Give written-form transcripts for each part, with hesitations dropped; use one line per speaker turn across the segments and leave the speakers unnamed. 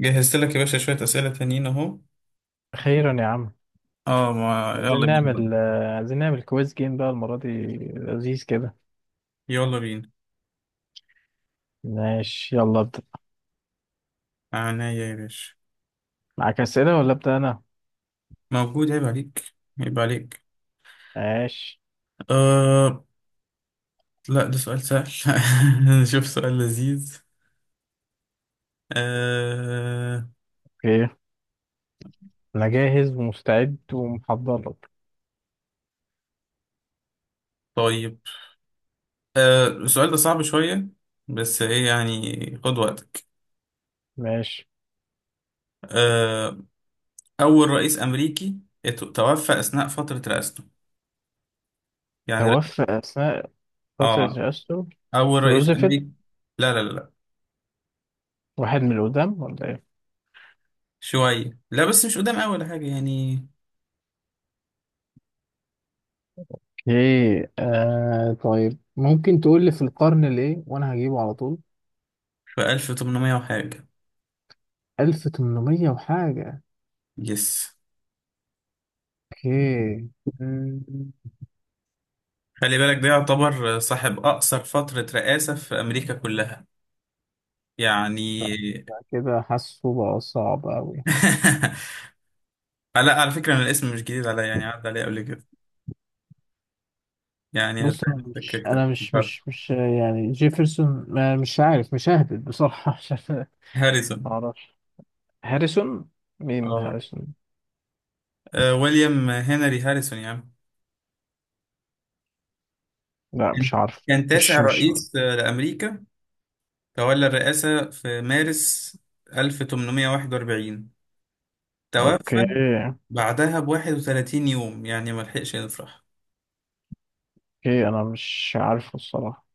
جهزت لك يا باشا شوية أسئلة تانيين أهو.
خيرا يا عم.
اه، ما
عايزين
يلا بينا بقى.
نعمل كويز جيم بقى المرة دي. لذيذ كده.
يلا بينا.
ماشي، يلا ابدأ.
عناية يا باشا.
معاك أسئلة ولا أبدأ أنا؟
موجود، عيب عليك. عيب عليك.
ماشي.
آه. لا، ده سؤال سهل. نشوف سؤال لذيذ. آه.
اوكي، أنا جاهز ومستعد ومحضر لك.
طيب. السؤال ده صعب شوية، بس إيه يعني، خد وقتك.
ماشي.
آه أول رئيس أمريكي توفى أثناء فترة رئاسته، يعني ر-
توفى أثناء فترة
آه
الأسطر.
أول رئيس
روزفلت.
أمريكي. لا لا لا لا،
واحد من القدام ولا إيه؟
شوية. لا، بس مش قدام، أول حاجة يعني.
ايه. طيب، ممكن تقول لي في القرن الايه وانا هجيبه على طول.
في 1800 وحاجة.
1800 وحاجة.
يس.
اوكي. مم،
خلي بالك ده يعتبر صاحب أقصر فترة رئاسة في أمريكا كلها
لا،
يعني.
لا، كده حاسه بقى صعب أوي.
لا، على فكرة أنا الاسم مش جديد عليا، يعني عدى عليا قبل كده، يعني
بص،
هتلاقي
انا
نفسك
مش
كده.
يعني جيفرسون، ما مش عارف، مش ههبط بصراحه. مش عارف ما
هاريسون.
اعرفش. هاريسون. مين
اه.
هاريسون؟
آه، ويليام هنري هاريسون يا عم.
لا
كان
مش عارف.
كان تاسع
مش مش
رئيس لأمريكا. تولى الرئاسة في مارس 1841. توفى
اوكي.
بعدها ب 31 يوم، يعني ما لحقش يفرح.
اوكي انا مش عارفه الصراحه.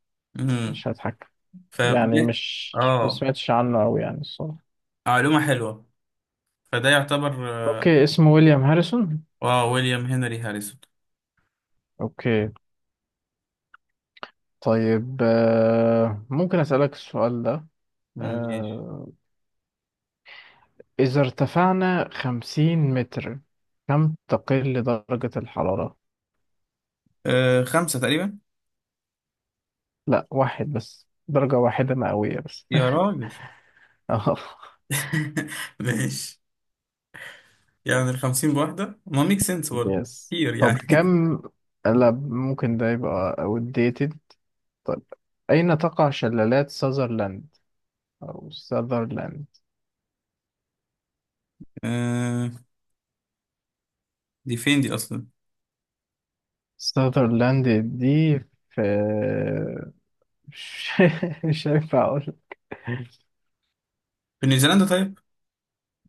مش هضحك.
ف
يعني مش، ما
اه
سمعتش عنه قوي يعني الصراحه.
معلومة حلوة. فده يعتبر،
اوكي، اسمه ويليام هاريسون.
ويليام هنري هاريسون.
اوكي. طيب ممكن اسالك السؤال ده.
ماشي.
آه، اذا ارتفعنا 50 متر، كم تقل درجة الحرارة؟
خمسة تقريبا.
لا، واحد بس، درجة واحدة مئوية بس.
يا راجل.
اه.
ماشي. يعني الخمسين بواحدة ما ميك سنس برضه.
يس،
كتير
طب
يعني.
كم؟ لا، ممكن ده يبقى outdated. طب، أين تقع شلالات ساذرلاند أو ساذرلاند؟
آه دي فين دي أصلا.
ساذرلاند دي في... مش مش هينفع أقول.
في نيوزيلندا طيب.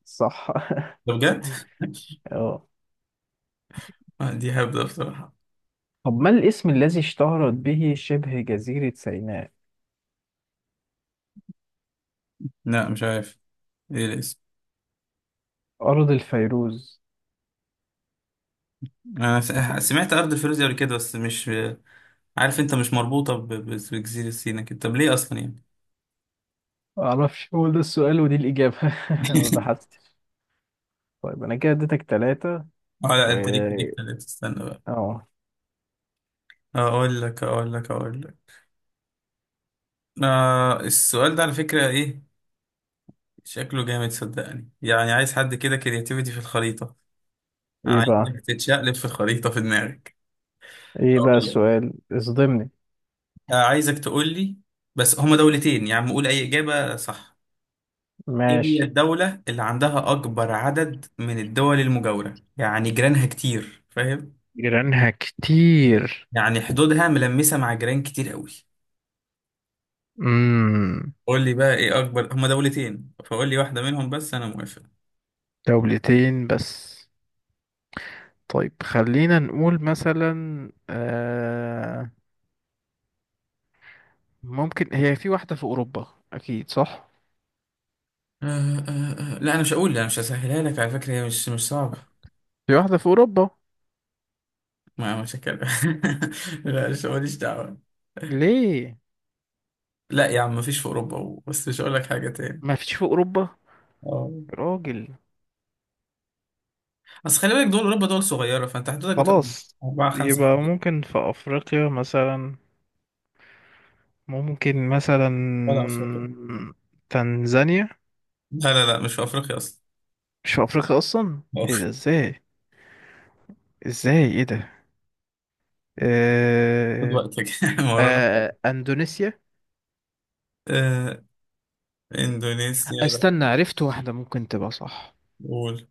صح.
ده بجد.
اه.
آه، دي هبدة بصراحة.
طب، ما الاسم الذي اشتهرت به شبه جزيرة سيناء؟
لا مش عارف، ايه الاسم.
أرض الفيروز.
انا سمعت ارض الفيروز قبل كده، بس مش عارف، انت مش مربوطه بجزيره سيناء كده، طب ليه اصلا يعني.
معرفش، هو ده السؤال ودي الإجابة. ما بحثتش. طيب، انا كده اديتك ثلاثة.
اه لا،
و
انت ليك تلاتة، استنى بقى.
اه
اقول لك. آه، السؤال ده على فكرة ايه، شكله جامد صدقني، يعني عايز حد كده كرياتيفيتي في الخريطة.
ايه
عايزك
بقى.
تتشقلب في الخريطة في دماغك.
ايه بقى
أقول لك.
السؤال، اصدمني.
آه، عايزك تقول لي، بس هما دولتين يا عم، قول اي إجابة صح. ايه هي
ماشي.
الدولة اللي عندها اكبر عدد من الدول المجاورة، يعني جيرانها كتير، فاهم؟
جيرانها كتير.
يعني حدودها ملمسة مع جيران كتير قوي.
امم
قول لي بقى ايه اكبر، هما دولتين فقول لي واحدة منهم بس انا موافق.
دولتين بس. طيب، خلينا نقول مثلا، ممكن هي في واحدة في أوروبا. أكيد صح.
لا، انا مش هقول، انا مش هسهلها لك على فكره، هي مش صعبه.
في واحدة في أوروبا.
ما مش هتكلم. لا، مش ماليش دعوه.
ليه؟
لا يا عم، مفيش في اوروبا بس مش هقول لك حاجه تاني.
ما فيش في أوروبا.
اه.
راجل.
بس خلي بالك دول اوروبا دول صغيره، فانت حدودك بتبقى
خلاص.
اربعه خمسه
يبقى
حوالي.
ممكن في أفريقيا مثلا. ممكن مثلا
ولا افريقيا.
تنزانيا.
لا لا لا، مش في افريقيا اصلا.
مش في افريقيا اصلا. ايه ده، ازاي؟ ازاي، ايه ده؟
خد
آه...
وقتك. ما ورانا حاجة.
اندونيسيا.
آه اندونيسيا لا.
استنى، عرفت واحدة ممكن تبقى صح.
قول.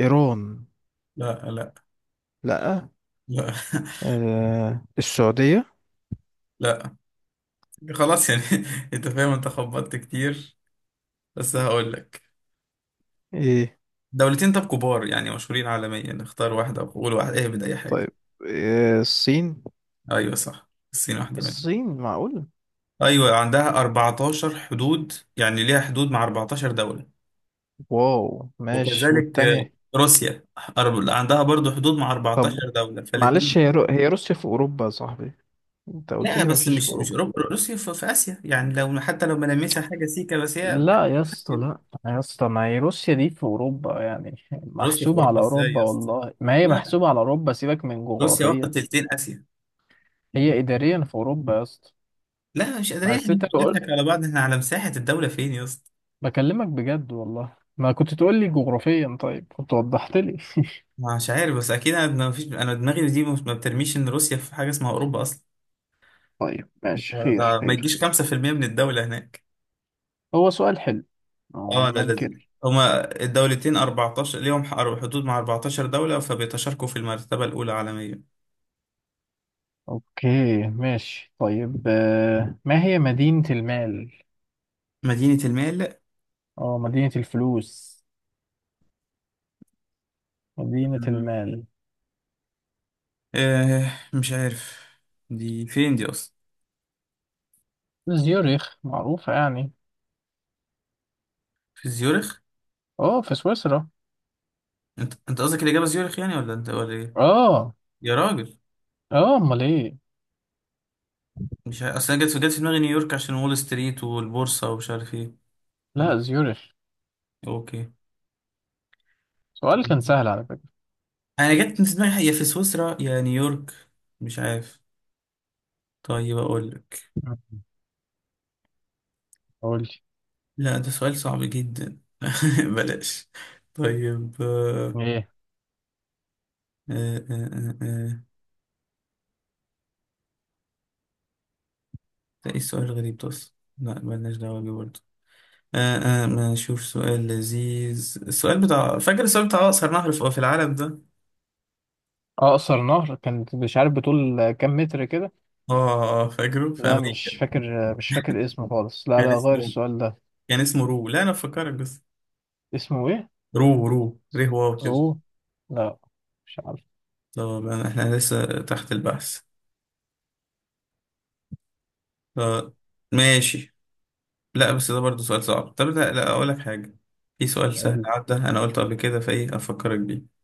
ايران.
لا لا
لا.
لا.
السعودية.
لا. خلاص يعني. انت فاهم، انت خبطت كتير، بس هقول لك.
ايه.
دولتين طب، كبار يعني، مشهورين عالميا، اختار واحدة وقول، واحد اهبد أي حاجة.
طيب، الصين.
أيوة صح، الصين واحدة منهم.
الصين معقول.
أيوة عندها 14 حدود، يعني ليها حدود مع 14 دولة.
واو، ماشي
وكذلك
والتانية.
روسيا، عندها برضو حدود مع
طب
14 دولة،
معلش،
فالاتنين.
هي روسيا في اوروبا يا صاحبي. انت قلت
لا
لي
بس
مفيش في
مش
اوروبا.
أوروبا، روسيا في آسيا، يعني لو حتى لو ملامسها حاجة سيكا بس هي.
لا يا اسطى،
آسيا.
لا. يا اسطى، ما هي روسيا دي في اوروبا، يعني
روسيا في
محسوبه
أوروبا
على
إزاي
اوروبا،
يا اسطى؟
والله ما هي
لا.
محسوبه على اوروبا، سيبك من
روسيا واخدة
جغرافيا.
تلتين آسيا.
هي اداريا في اوروبا يا اسطى.
لا، مش قادرين احنا،
بس انت
مش
لو
نضحك
قلت،
على بعض، احنا على مساحة الدولة، فين يا.
بكلمك بجد، والله ما كنت تقول لي جغرافيا طيب كنت وضحت لي.
مش عارف، بس اكيد انا ما فيش، انا دماغي دي ما بترميش ان روسيا في حاجه اسمها اوروبا اصلا.
طيب، ماشي. خير
ده ما
خير
يجيش
خير.
5% من الدوله هناك.
هو سؤال حلو.
اه لا،
ما
لذيذ.
انكر.
هما الدولتين 14 ليهم حدود مع 14 دوله، فبيتشاركوا في المرتبه الاولى عالميا.
اوكي. ماشي. طيب ما هي مدينة المال؟
مدينه المال.
اه، مدينة الفلوس، مدينة
مم.
المال.
مش عارف، دي فين دي اصلا.
زيوريخ معروفة يعني.
في زيورخ.
اه، في سويسرا.
انت قصدك الاجابه زيورخ يعني، ولا انت ولا ايه؟
اه.
يا راجل.
اه، امال ايه؟
مش عارف. اصل انا جت في دماغي نيويورك، عشان وول ستريت والبورصه ومش عارف ايه.
لا،
ما.
زيورش.
اوكي.
سؤال كان
طيب.
سهل على فكرة.
انا جت في دماغي يا في سويسرا يا نيويورك، مش عارف. طيب اقول لك،
مم. قول لي
لا ده سؤال صعب جدا. بلاش. طيب.
ايه.
آه، آه، آه. آه. ده ايه السؤال الغريب ده اصلا، لا بلاش دعوه بيه برضه. آه، ما نشوف سؤال لذيذ، السؤال بتاع، فاكر السؤال بتاع اقصر نهر في العالم ده.
اقصر نهر، كان مش عارف بطول كام متر كده.
اه، فاكره في
لا مش
امريكا.
فاكر. مش فاكر اسمه خالص، لا
كان
لا، غير
اسمه
السؤال ده.
كان اسمه رو، لا انا بفكرك بس.
اسمه ايه؟
رو رو. ريه واو كده.
اوه. لا. مش عارف.
طب احنا لسه تحت البحث. آه، ماشي. لا بس ده برضه سؤال صعب، طب لا لا، اقول لك حاجه، في سؤال سهل
قول.
عدى انا قلته قبل كده، فايه افكرك بيه.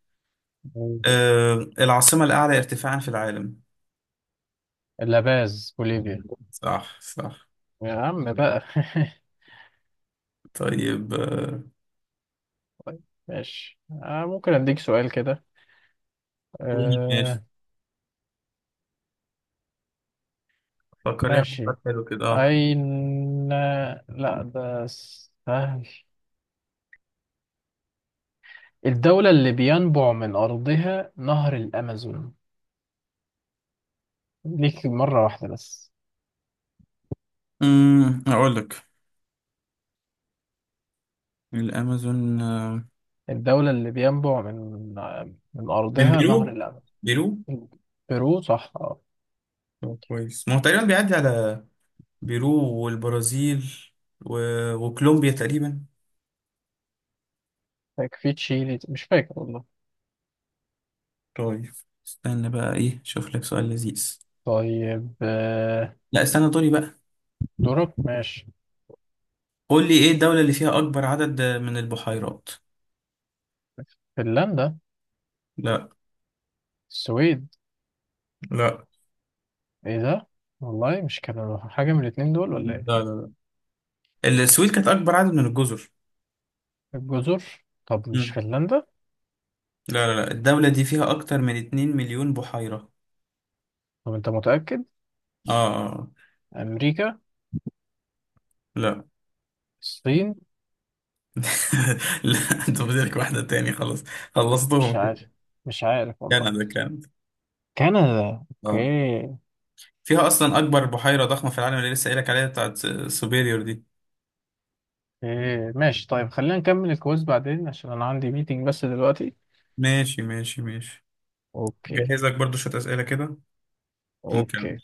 قول.
أه العاصمه الاعلى ارتفاعا في العالم.
اللاباز، بوليفيا.
صح صح.
يا عم بقى.
طيب.
ماشي ممكن اديك سؤال كده.
ماشي.
آه
فكر لي في
ماشي.
سؤال حلو كده. اه
أين؟ لا، ده سهل. الدولة اللي بينبع من أرضها نهر الأمازون. ليك مرة واحدة بس.
اقول لك. الامازون،
الدولة اللي بينبع من
من
أرضها نهر
بيرو.
الأمازون.
بيرو.
بيرو صح. اه.
طب كويس، ما هو تقريبا بيعدي على بيرو، والبرازيل و... وكولومبيا تقريبا.
فاكر في تشيلي، مش فاكر والله.
طيب استنى بقى، ايه، شوف لك سؤال لذيذ.
طيب
لا استنى، دوري بقى.
دورك، ماشي.
قول لي، ايه الدولة اللي فيها اكبر عدد من البحيرات؟
فنلندا.
لا.
السويد.
لا.
ايه ده؟ والله مش كانوا حاجة من الاتنين دول ولا ايه؟
لا لا. لا، السويد كانت اكبر عدد من الجزر.
الجزر؟ طب مش
مم.
فنلندا.
لا لا لا، الدولة دي فيها اكتر من 2 مليون بحيرة.
طب انت متأكد؟
اه.
أمريكا.
لا.
الصين.
لا، انت بدك واحدة تاني، خلاص
مش
خلصتهم
عارف.
كده.
مش عارف والله.
كندا كانت.
كندا.
اه
اوكي.
فيها اصلا اكبر بحيرة ضخمة في العالم، اللي لسه قايلك عليها، بتاعت سوبيريور دي.
إيه، ماشي. طيب، خلينا نكمل الكويز بعدين عشان انا عندي ميتنج بس دلوقتي.
ماشي ماشي ماشي.
اوكي.
جهزك برضو شوية اسئلة كده.
اوكي.